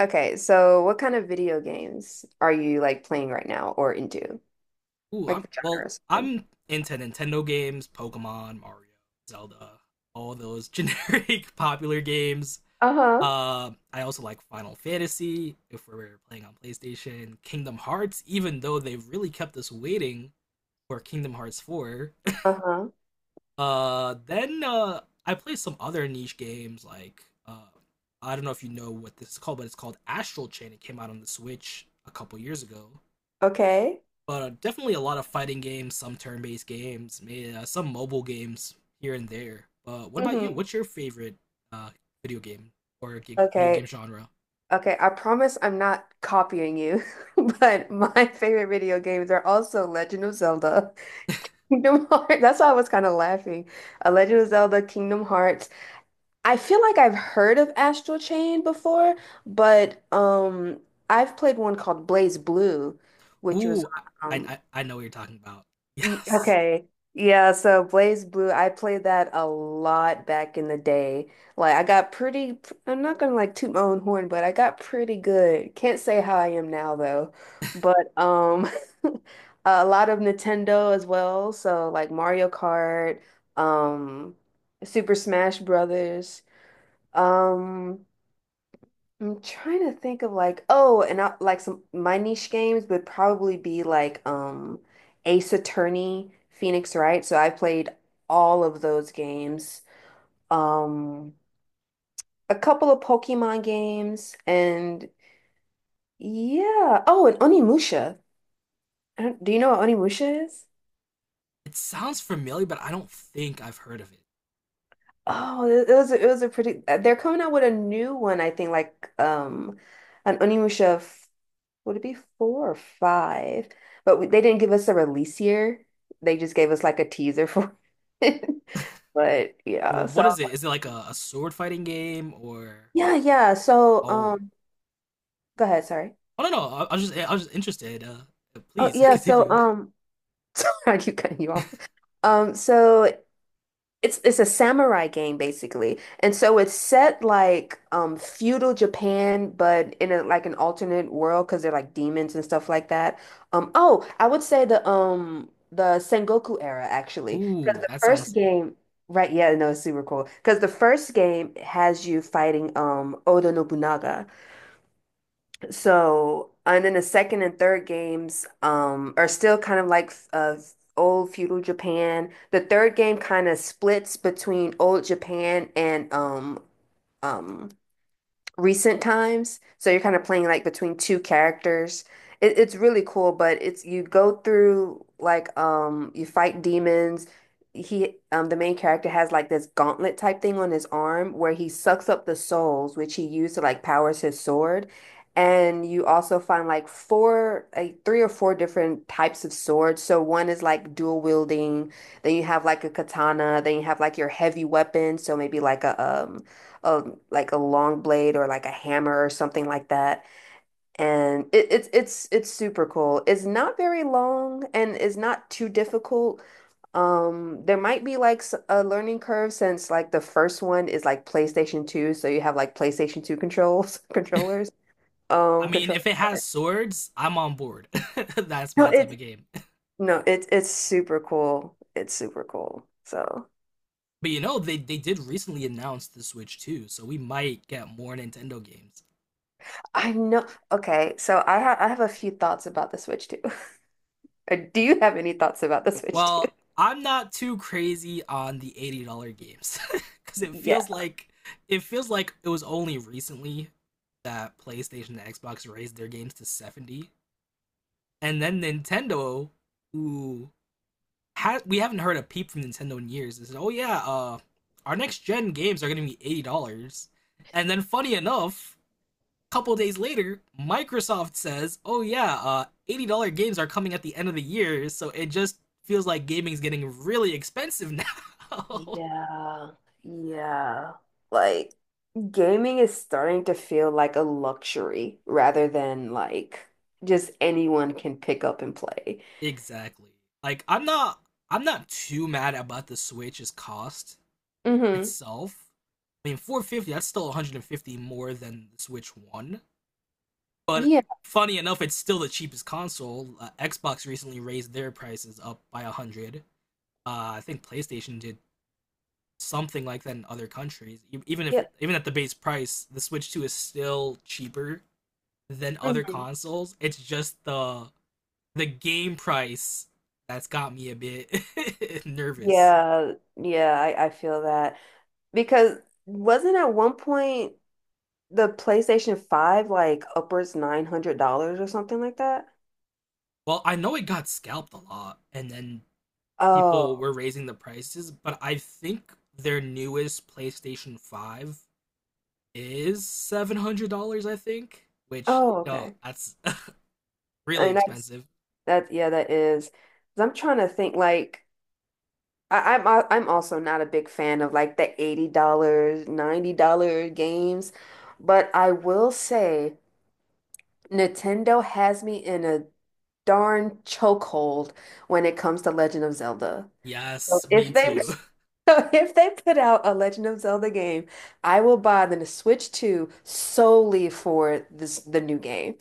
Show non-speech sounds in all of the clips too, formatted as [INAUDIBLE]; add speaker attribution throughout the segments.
Speaker 1: Okay, so what kind of video games are you like playing right now or into?
Speaker 2: Ooh,
Speaker 1: Like
Speaker 2: I'm
Speaker 1: the
Speaker 2: well.
Speaker 1: genre or something?
Speaker 2: I'm into Nintendo games, Pokemon, Mario, Zelda, all those generic [LAUGHS] popular games.
Speaker 1: Uh-huh.
Speaker 2: I also like Final Fantasy if we're playing on PlayStation, Kingdom Hearts, even though they've really kept us waiting for Kingdom Hearts 4. [LAUGHS]
Speaker 1: Uh-huh.
Speaker 2: Then I play some other niche games like uh, I don't know if you know what this is called, but it's called Astral Chain. It came out on the Switch a couple years ago
Speaker 1: Okay.
Speaker 2: but definitely a lot of fighting games, some turn-based games, maybe some mobile games here and there. But what about you?
Speaker 1: Hmm.
Speaker 2: What's your favorite uh, video game or video game
Speaker 1: Okay.
Speaker 2: genre?
Speaker 1: Okay, I promise I'm not copying you, [LAUGHS] but my favorite video games are also Legend of Zelda, [LAUGHS] Kingdom Hearts. That's why I was kind of laughing. A Legend of Zelda, Kingdom Hearts. I feel like I've heard of Astral Chain before, but I've played one called Blaze Blue, which was
Speaker 2: Ooh,
Speaker 1: on
Speaker 2: I, I I know what you're talking about. [LAUGHS] Yes,
Speaker 1: Okay. Yeah, so Blaze Blue, I played that a lot back in the day. Like I got pretty, I'm not gonna like toot my own horn, but I got pretty good. Can't say how I am now though. But [LAUGHS] a lot of Nintendo as well, so like Mario Kart, um Super Smash Brothers. Um I'm trying to think of like oh, and like some my niche games would probably be like Ace Attorney, Phoenix Wright. So I played all of those games. Um, a couple of Pokemon games, and yeah. Oh, and Onimusha. I don't- Do you know what Onimusha is?
Speaker 2: it sounds familiar, but I don't think I've heard of it.
Speaker 1: Oh, it was a pretty. They're coming out with a new one, I think, like an Onimusha. Would it be four or five? But they didn't give us a release year. They just gave us like a teaser for it. [LAUGHS] But yeah,
Speaker 2: Well,
Speaker 1: so
Speaker 2: what
Speaker 1: I
Speaker 2: is
Speaker 1: was
Speaker 2: it?
Speaker 1: like,
Speaker 2: Is it like a sword fighting game or?
Speaker 1: yeah, yeah. So
Speaker 2: Oh,
Speaker 1: go ahead. Sorry.
Speaker 2: I don't know. I was just interested.
Speaker 1: Oh
Speaker 2: Please [LAUGHS]
Speaker 1: yeah. So
Speaker 2: continue.
Speaker 1: [LAUGHS] sorry, I keep cutting you off. So it's a samurai game basically. And so it's set like feudal Japan but in a like an alternate world because they're like demons and stuff like that. Oh, I would say the Sengoku era actually because
Speaker 2: Ooh,
Speaker 1: the
Speaker 2: that
Speaker 1: first
Speaker 2: sounds.
Speaker 1: game, right, yeah, no, it's super cool because the first game has you fighting Oda Nobunaga. So, and then the second and third games are still kind of like old feudal Japan. The third game kind of splits between old Japan and um, recent times. So you're kind of playing like between two characters. It's really cool, but it's you go through like you fight demons. He the main character has like this gauntlet type thing on his arm where he sucks up the souls, which he used to like powers his sword. And you also find like four, like three or four different types of swords. So one is like dual wielding, then you have like a katana, then you have like your heavy weapon, so maybe like a like a long blade or like a hammer or something like that. And it's super cool. It's not very long and it's not too difficult. There might be like a learning curve since like the first one is like PlayStation 2, so you have like PlayStation 2 controls [LAUGHS]
Speaker 2: I mean, if
Speaker 1: control.
Speaker 2: it has
Speaker 1: But
Speaker 2: swords, I'm on board. [LAUGHS] That's
Speaker 1: no,
Speaker 2: my type
Speaker 1: it's
Speaker 2: of game.
Speaker 1: no, it's super cool. It's super cool. So
Speaker 2: But you know, they did recently announce the Switch too, so we might get more Nintendo games.
Speaker 1: I know. Okay, so I have a few thoughts about the Switch too. [LAUGHS] Do you have any thoughts about the Switch?
Speaker 2: Well, I'm not too crazy on the $80 games cuz [LAUGHS] it
Speaker 1: Yeah,
Speaker 2: feels like it was only recently that PlayStation and Xbox raised their games to 70, and then Nintendo who we haven't heard a peep from Nintendo in years. They, "Oh yeah, our next gen games are going to be $80." And then funny enough, couple days later, Microsoft says, "Oh yeah, $80 games are coming at the end of the year, so it just feels like gaming's getting really expensive now." [LAUGHS]
Speaker 1: yeah, yeah. Like gaming is starting to feel like a luxury rather than like just anyone can pick up and play.
Speaker 2: Exactly. Like I'm not too mad about the Switch's cost
Speaker 1: Hmm.
Speaker 2: itself. I mean, 450 dollars, that's still $150 more than the Switch One, but
Speaker 1: Yeah,
Speaker 2: funny enough, it's still the cheapest console. Xbox recently raised their prices up by 100. I think PlayStation did something like that in other countries. E- Even if
Speaker 1: yeah.
Speaker 2: Even at the base price, the Switch 2 is still cheaper than other
Speaker 1: Hmm.
Speaker 2: consoles. It's just the game price that's got me a bit [LAUGHS] nervous. Yeah.
Speaker 1: Yeah, yeah, I feel that. Because wasn't at one point the PlayStation 5 like upwards $900 or something like that?
Speaker 2: Well, I know it got scalped a lot and then people
Speaker 1: Oh,
Speaker 2: were raising the prices, but I think their newest PlayStation 5 is $700, I think, which
Speaker 1: oh,
Speaker 2: no,
Speaker 1: okay.
Speaker 2: that's [LAUGHS]
Speaker 1: I
Speaker 2: really
Speaker 1: mean, that's
Speaker 2: expensive.
Speaker 1: that, yeah, that is. 'Cause I'm trying to think like. I'm also not a big fan of like the $80, dollars $90 games, but I will say Nintendo has me in a darn chokehold when it comes to Legend of Zelda. So
Speaker 2: Yes, me
Speaker 1: If they
Speaker 2: too.
Speaker 1: [LAUGHS] So if they put out a Legend of Zelda game, I will buy the Switch 2 solely for this the new game.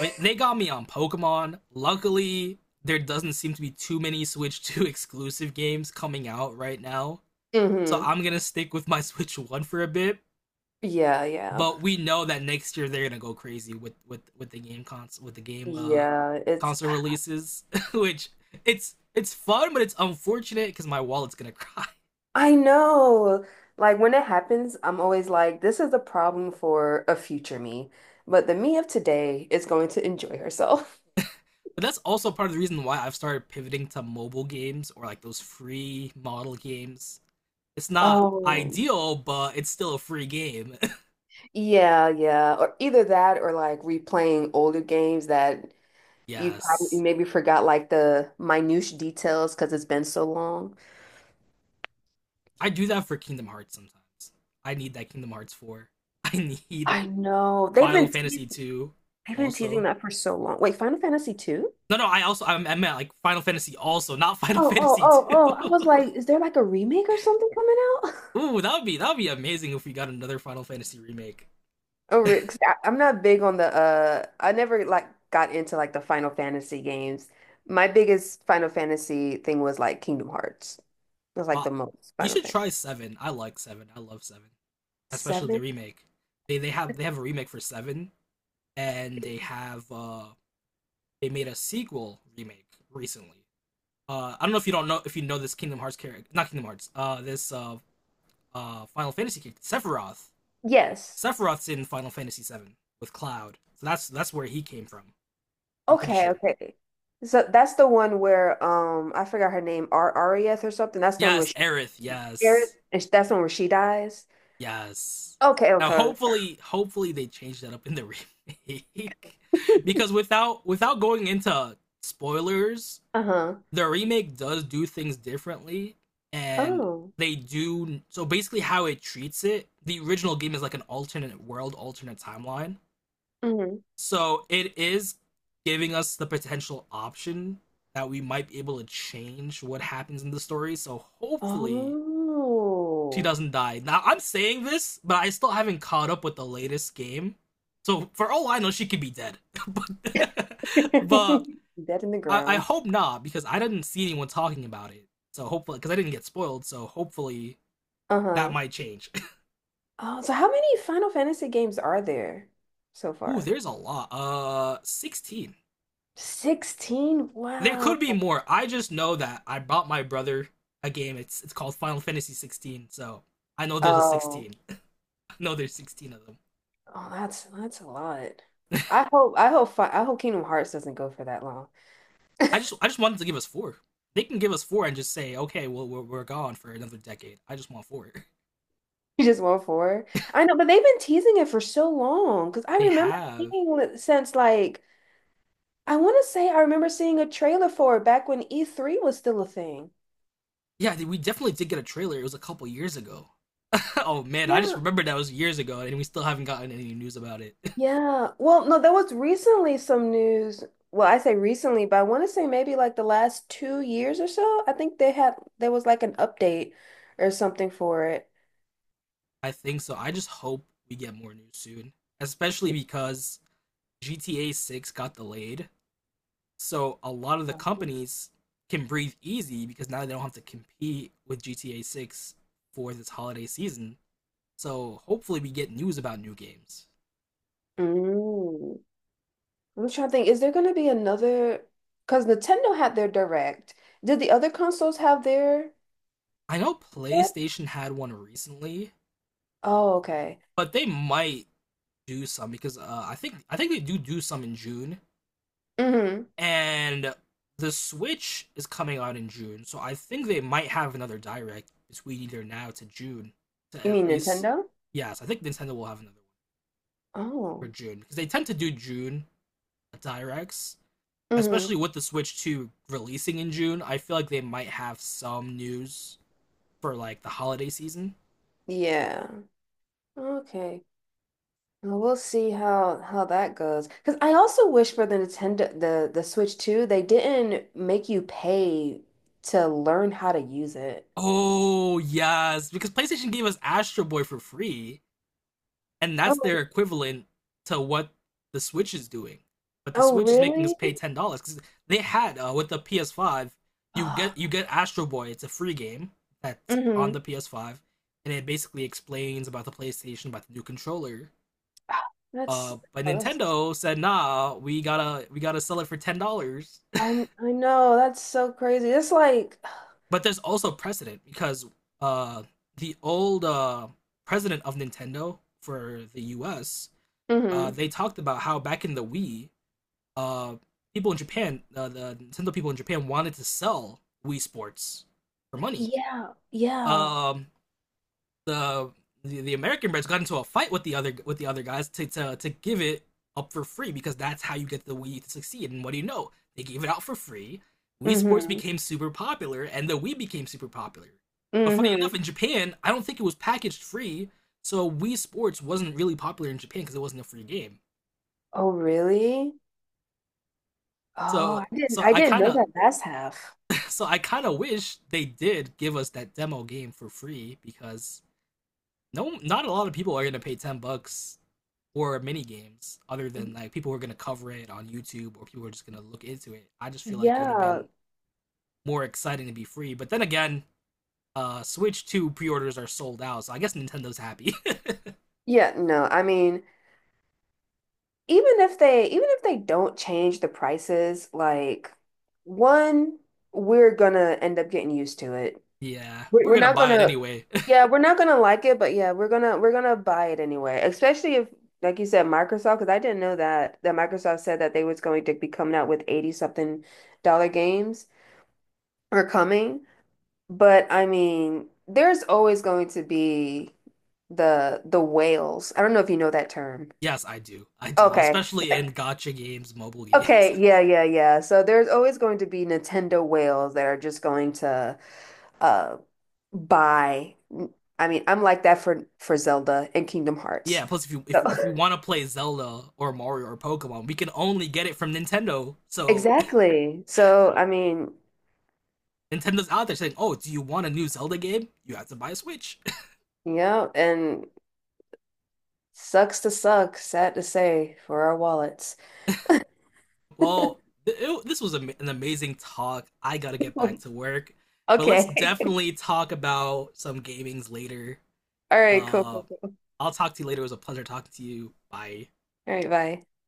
Speaker 2: I mean, they got me on Pokemon. Luckily, there doesn't seem to be too many Switch 2 [LAUGHS] exclusive games coming out right now. So
Speaker 1: Hmm.
Speaker 2: I'm gonna stick with my [LAUGHS] Switch 1 for a bit.
Speaker 1: Yeah, yeah.
Speaker 2: But we know that next year they're gonna go crazy with the game
Speaker 1: Yeah, it's
Speaker 2: console releases, [LAUGHS] which it's fun, but it's unfortunate because my wallet's gonna [LAUGHS] cry.
Speaker 1: I know. Like when it happens, I'm always like, this is a problem for a future me. But the me of today is going to enjoy herself.
Speaker 2: But that's also part of the reason why I've started pivoting to mobile games or like those free model games. It's not
Speaker 1: Oh,
Speaker 2: ideal, but it's still a free game.
Speaker 1: [LAUGHS] yeah, yeah. Or either that or like replaying older games that you probably
Speaker 2: Yes.
Speaker 1: maybe forgot like the minute details because it's been so long.
Speaker 2: I do that for Kingdom Hearts sometimes. I need that Kingdom Hearts 4. [LAUGHS] I need
Speaker 1: I know. They've
Speaker 2: Final
Speaker 1: been te
Speaker 2: Fantasy 2
Speaker 1: they've been teasing
Speaker 2: also.
Speaker 1: that for so long. Wait, Final Fantasy 2?
Speaker 2: No, no, I also I meant like Final Fantasy also, not [LAUGHS] Final
Speaker 1: Oh, oh,
Speaker 2: Fantasy
Speaker 1: oh,
Speaker 2: 2.
Speaker 1: oh. I
Speaker 2: [LAUGHS]
Speaker 1: was like, is there like a remake or something coming out?
Speaker 2: Ooh, that would be amazing if we got another Final Fantasy remake.
Speaker 1: Oh, 'cause I'm not big on the I never like got into like the Final Fantasy games. My biggest Final Fantasy thing was like Kingdom Hearts. It was like
Speaker 2: Wow.
Speaker 1: the most
Speaker 2: You
Speaker 1: Final
Speaker 2: should
Speaker 1: Fantasy.
Speaker 2: try 7. I like 7. I love 7. Especially the
Speaker 1: Seven?
Speaker 2: remake. They have a remake for 7 and they have they made a sequel remake recently. I don't know if you know this Kingdom Hearts character, not Kingdom Hearts, this Final Fantasy character, Sephiroth.
Speaker 1: Yes.
Speaker 2: Sephiroth's in Final Fantasy VII with Cloud, so that's where he came from. I'm pretty
Speaker 1: Okay,
Speaker 2: sure.
Speaker 1: okay. So that's the one where I forgot her name, Ar Arieth or something. That's the one where
Speaker 2: Yes,
Speaker 1: she
Speaker 2: Aerith.
Speaker 1: Aerith,
Speaker 2: Yes,
Speaker 1: and that's the one where she dies.
Speaker 2: yes.
Speaker 1: Okay,
Speaker 2: Now,
Speaker 1: okay.
Speaker 2: hopefully they change that up in the remake, [LAUGHS] because without going into spoilers,
Speaker 1: Uh-huh.
Speaker 2: the remake does do things differently, and
Speaker 1: Oh.
Speaker 2: they do. So basically how it treats it, the original game is like an alternate world, alternate timeline,
Speaker 1: Hmm.
Speaker 2: so it is giving us the potential option that we might be able to change what happens in the story. So hopefully she
Speaker 1: Oh.
Speaker 2: doesn't die. Now, I'm saying this but I still haven't caught up with the latest game, so for all I know she could be dead [LAUGHS] but but
Speaker 1: [LAUGHS] Dead in the
Speaker 2: I
Speaker 1: ground.
Speaker 2: hope not because I didn't see anyone talking about it. So hopefully, because I didn't get spoiled, so hopefully that
Speaker 1: Uh-huh.
Speaker 2: might change.
Speaker 1: Oh, so how many Final Fantasy games are there so
Speaker 2: [LAUGHS] Ooh,
Speaker 1: far?
Speaker 2: there's a lot. 16
Speaker 1: 16?
Speaker 2: There
Speaker 1: Wow.
Speaker 2: could be more. I just know that I bought my brother a game. It's called Final Fantasy 16. So I know there's a
Speaker 1: Oh,
Speaker 2: 16. [LAUGHS] No, there's 16 of them.
Speaker 1: oh, that's a lot. I hope Kingdom Hearts doesn't go for that long. [LAUGHS]
Speaker 2: I just wanted to give us four. They can give us four and just say, okay, well we're gone for another decade. I just want four. [LAUGHS]
Speaker 1: You just want four. I know, but they've been teasing it for so long because I
Speaker 2: They
Speaker 1: remember
Speaker 2: have.
Speaker 1: seeing it since like I want to say I remember seeing a trailer for it back when E3 was still a thing.
Speaker 2: Yeah, we definitely did get a trailer. It was a couple years ago. [LAUGHS] Oh man, I just
Speaker 1: Yeah.
Speaker 2: remembered that was years ago, and we still haven't gotten any news about it.
Speaker 1: Yeah. Well, no, there was recently some news. Well, I say recently, but I want to say maybe like the last 2 years or so. I think they had there was like an update or something for it.
Speaker 2: [LAUGHS] I think so. I just hope we get more news soon, especially
Speaker 1: Y-
Speaker 2: because GTA 6 got delayed. So a lot of the
Speaker 1: Oh.
Speaker 2: companies can breathe easy because now they don't have to compete with GTA 6 for this holiday season. So hopefully we get news about new games.
Speaker 1: Mm. I'm trying to think, is there going to be another? Because Nintendo had their Direct. Did the other consoles have their
Speaker 2: I know
Speaker 1: yet?
Speaker 2: PlayStation had one recently,
Speaker 1: Oh, okay.
Speaker 2: but they might do some because I think they do do some in June,
Speaker 1: Hmm.
Speaker 2: and the Switch is coming out in June, so I think they might have another direct between either now to June to
Speaker 1: You
Speaker 2: at
Speaker 1: mean
Speaker 2: least.
Speaker 1: Nintendo?
Speaker 2: Yes, I think Nintendo will have another one for
Speaker 1: Oh.
Speaker 2: June because they tend to do June directs,
Speaker 1: Hmm.
Speaker 2: especially with the Switch 2 releasing in June. I feel like they might have some news for like the holiday season.
Speaker 1: Yeah. Okay. We'll see how that goes. Because I also wish for the Switch too, they didn't make you pay to learn how to use it.
Speaker 2: Oh yes, because PlayStation gave us Astro Boy for free, and that's their
Speaker 1: Oh,
Speaker 2: equivalent to what the Switch is doing. But the
Speaker 1: oh,
Speaker 2: Switch is making us
Speaker 1: really?
Speaker 2: pay $10 because they had, with the PS5, you get
Speaker 1: Oh,
Speaker 2: Astro Boy. It's a free game
Speaker 1: [SIGHS]
Speaker 2: that's on
Speaker 1: mm-hmm.
Speaker 2: the PS5, and it basically explains about the PlayStation, about the new controller.
Speaker 1: That's,
Speaker 2: But
Speaker 1: oh, that's,
Speaker 2: Nintendo said, "Nah, we gotta sell it for $10." [LAUGHS]
Speaker 1: I I know that's so crazy. It's like
Speaker 2: But there's also precedent because uh, the old president of Nintendo for the U.S.
Speaker 1: mm-hmm.
Speaker 2: They talked about how back in the Wii, uh, people in Japan, the Nintendo people in Japan wanted to sell Wii Sports for money.
Speaker 1: Yeah, yeah.
Speaker 2: Um, the, the American brands got into a fight with the other guys to give it up for free because that's how you get the Wii to succeed. And what do you know? They gave it out for free. Wii Sports
Speaker 1: Mm-hmm.
Speaker 2: became super popular, and the Wii became super popular. But funny enough,
Speaker 1: Mm-hmm.
Speaker 2: in Japan, I don't think it was packaged free, so Wii Sports wasn't really popular in Japan because it wasn't a free game.
Speaker 1: Oh, really? Oh, I
Speaker 2: So
Speaker 1: didn't
Speaker 2: so
Speaker 1: I
Speaker 2: I
Speaker 1: didn't
Speaker 2: kind
Speaker 1: know
Speaker 2: of
Speaker 1: that last half.
Speaker 2: So I kind of wish they did give us that demo game for free because no, not a lot of people are gonna pay 10 bucks for mini games other than like people who are gonna cover it on YouTube or people who are just gonna look into it. I just feel like it would have
Speaker 1: Yeah.
Speaker 2: been more exciting to be free. But then again, Switch Two pre-orders are sold out, so I guess Nintendo's happy.
Speaker 1: Yeah, no, I mean, even if they don't change the prices, like one, we're gonna end up getting used to it.
Speaker 2: [LAUGHS] Yeah,
Speaker 1: We're,
Speaker 2: we're
Speaker 1: we're
Speaker 2: gonna
Speaker 1: not
Speaker 2: buy it
Speaker 1: gonna,
Speaker 2: anyway.
Speaker 1: yeah, we're not gonna like it, but yeah, we're gonna buy it anyway. Especially if, like you said, Microsoft, because I didn't know that that Microsoft said that they was going to be coming out with 80 something dollar games or coming. But I mean, there's always going to be the whales. I don't know if you know that term.
Speaker 2: [LAUGHS] Yes, I do. I do,
Speaker 1: Okay.
Speaker 2: especially in gotcha games, mobile games.
Speaker 1: Okay, yeah, yeah, yeah. So there's always going to be Nintendo whales that are just going to uh buy. I mean, I'm like that for Zelda and Kingdom Hearts.
Speaker 2: Yeah, plus if you
Speaker 1: So
Speaker 2: if we want to play Zelda or Mario or Pokemon, we can only get it from Nintendo.
Speaker 1: [LAUGHS]
Speaker 2: So
Speaker 1: exactly. So I mean,
Speaker 2: [LAUGHS] Nintendo's out there saying, "Oh, do you want a new Zelda game? You have to buy a Switch."
Speaker 1: yeah, and sucks to suck, sad to say, for our wallets. [LAUGHS]
Speaker 2: [LAUGHS] Well, this was an amazing talk. I gotta get back to work, but let's
Speaker 1: Okay.
Speaker 2: definitely talk about some gamings later.
Speaker 1: [LAUGHS] All right, cool.
Speaker 2: Uh,
Speaker 1: Cool, cool.
Speaker 2: I'll talk to you later. It was a pleasure talking to you. Bye.
Speaker 1: All right, bye.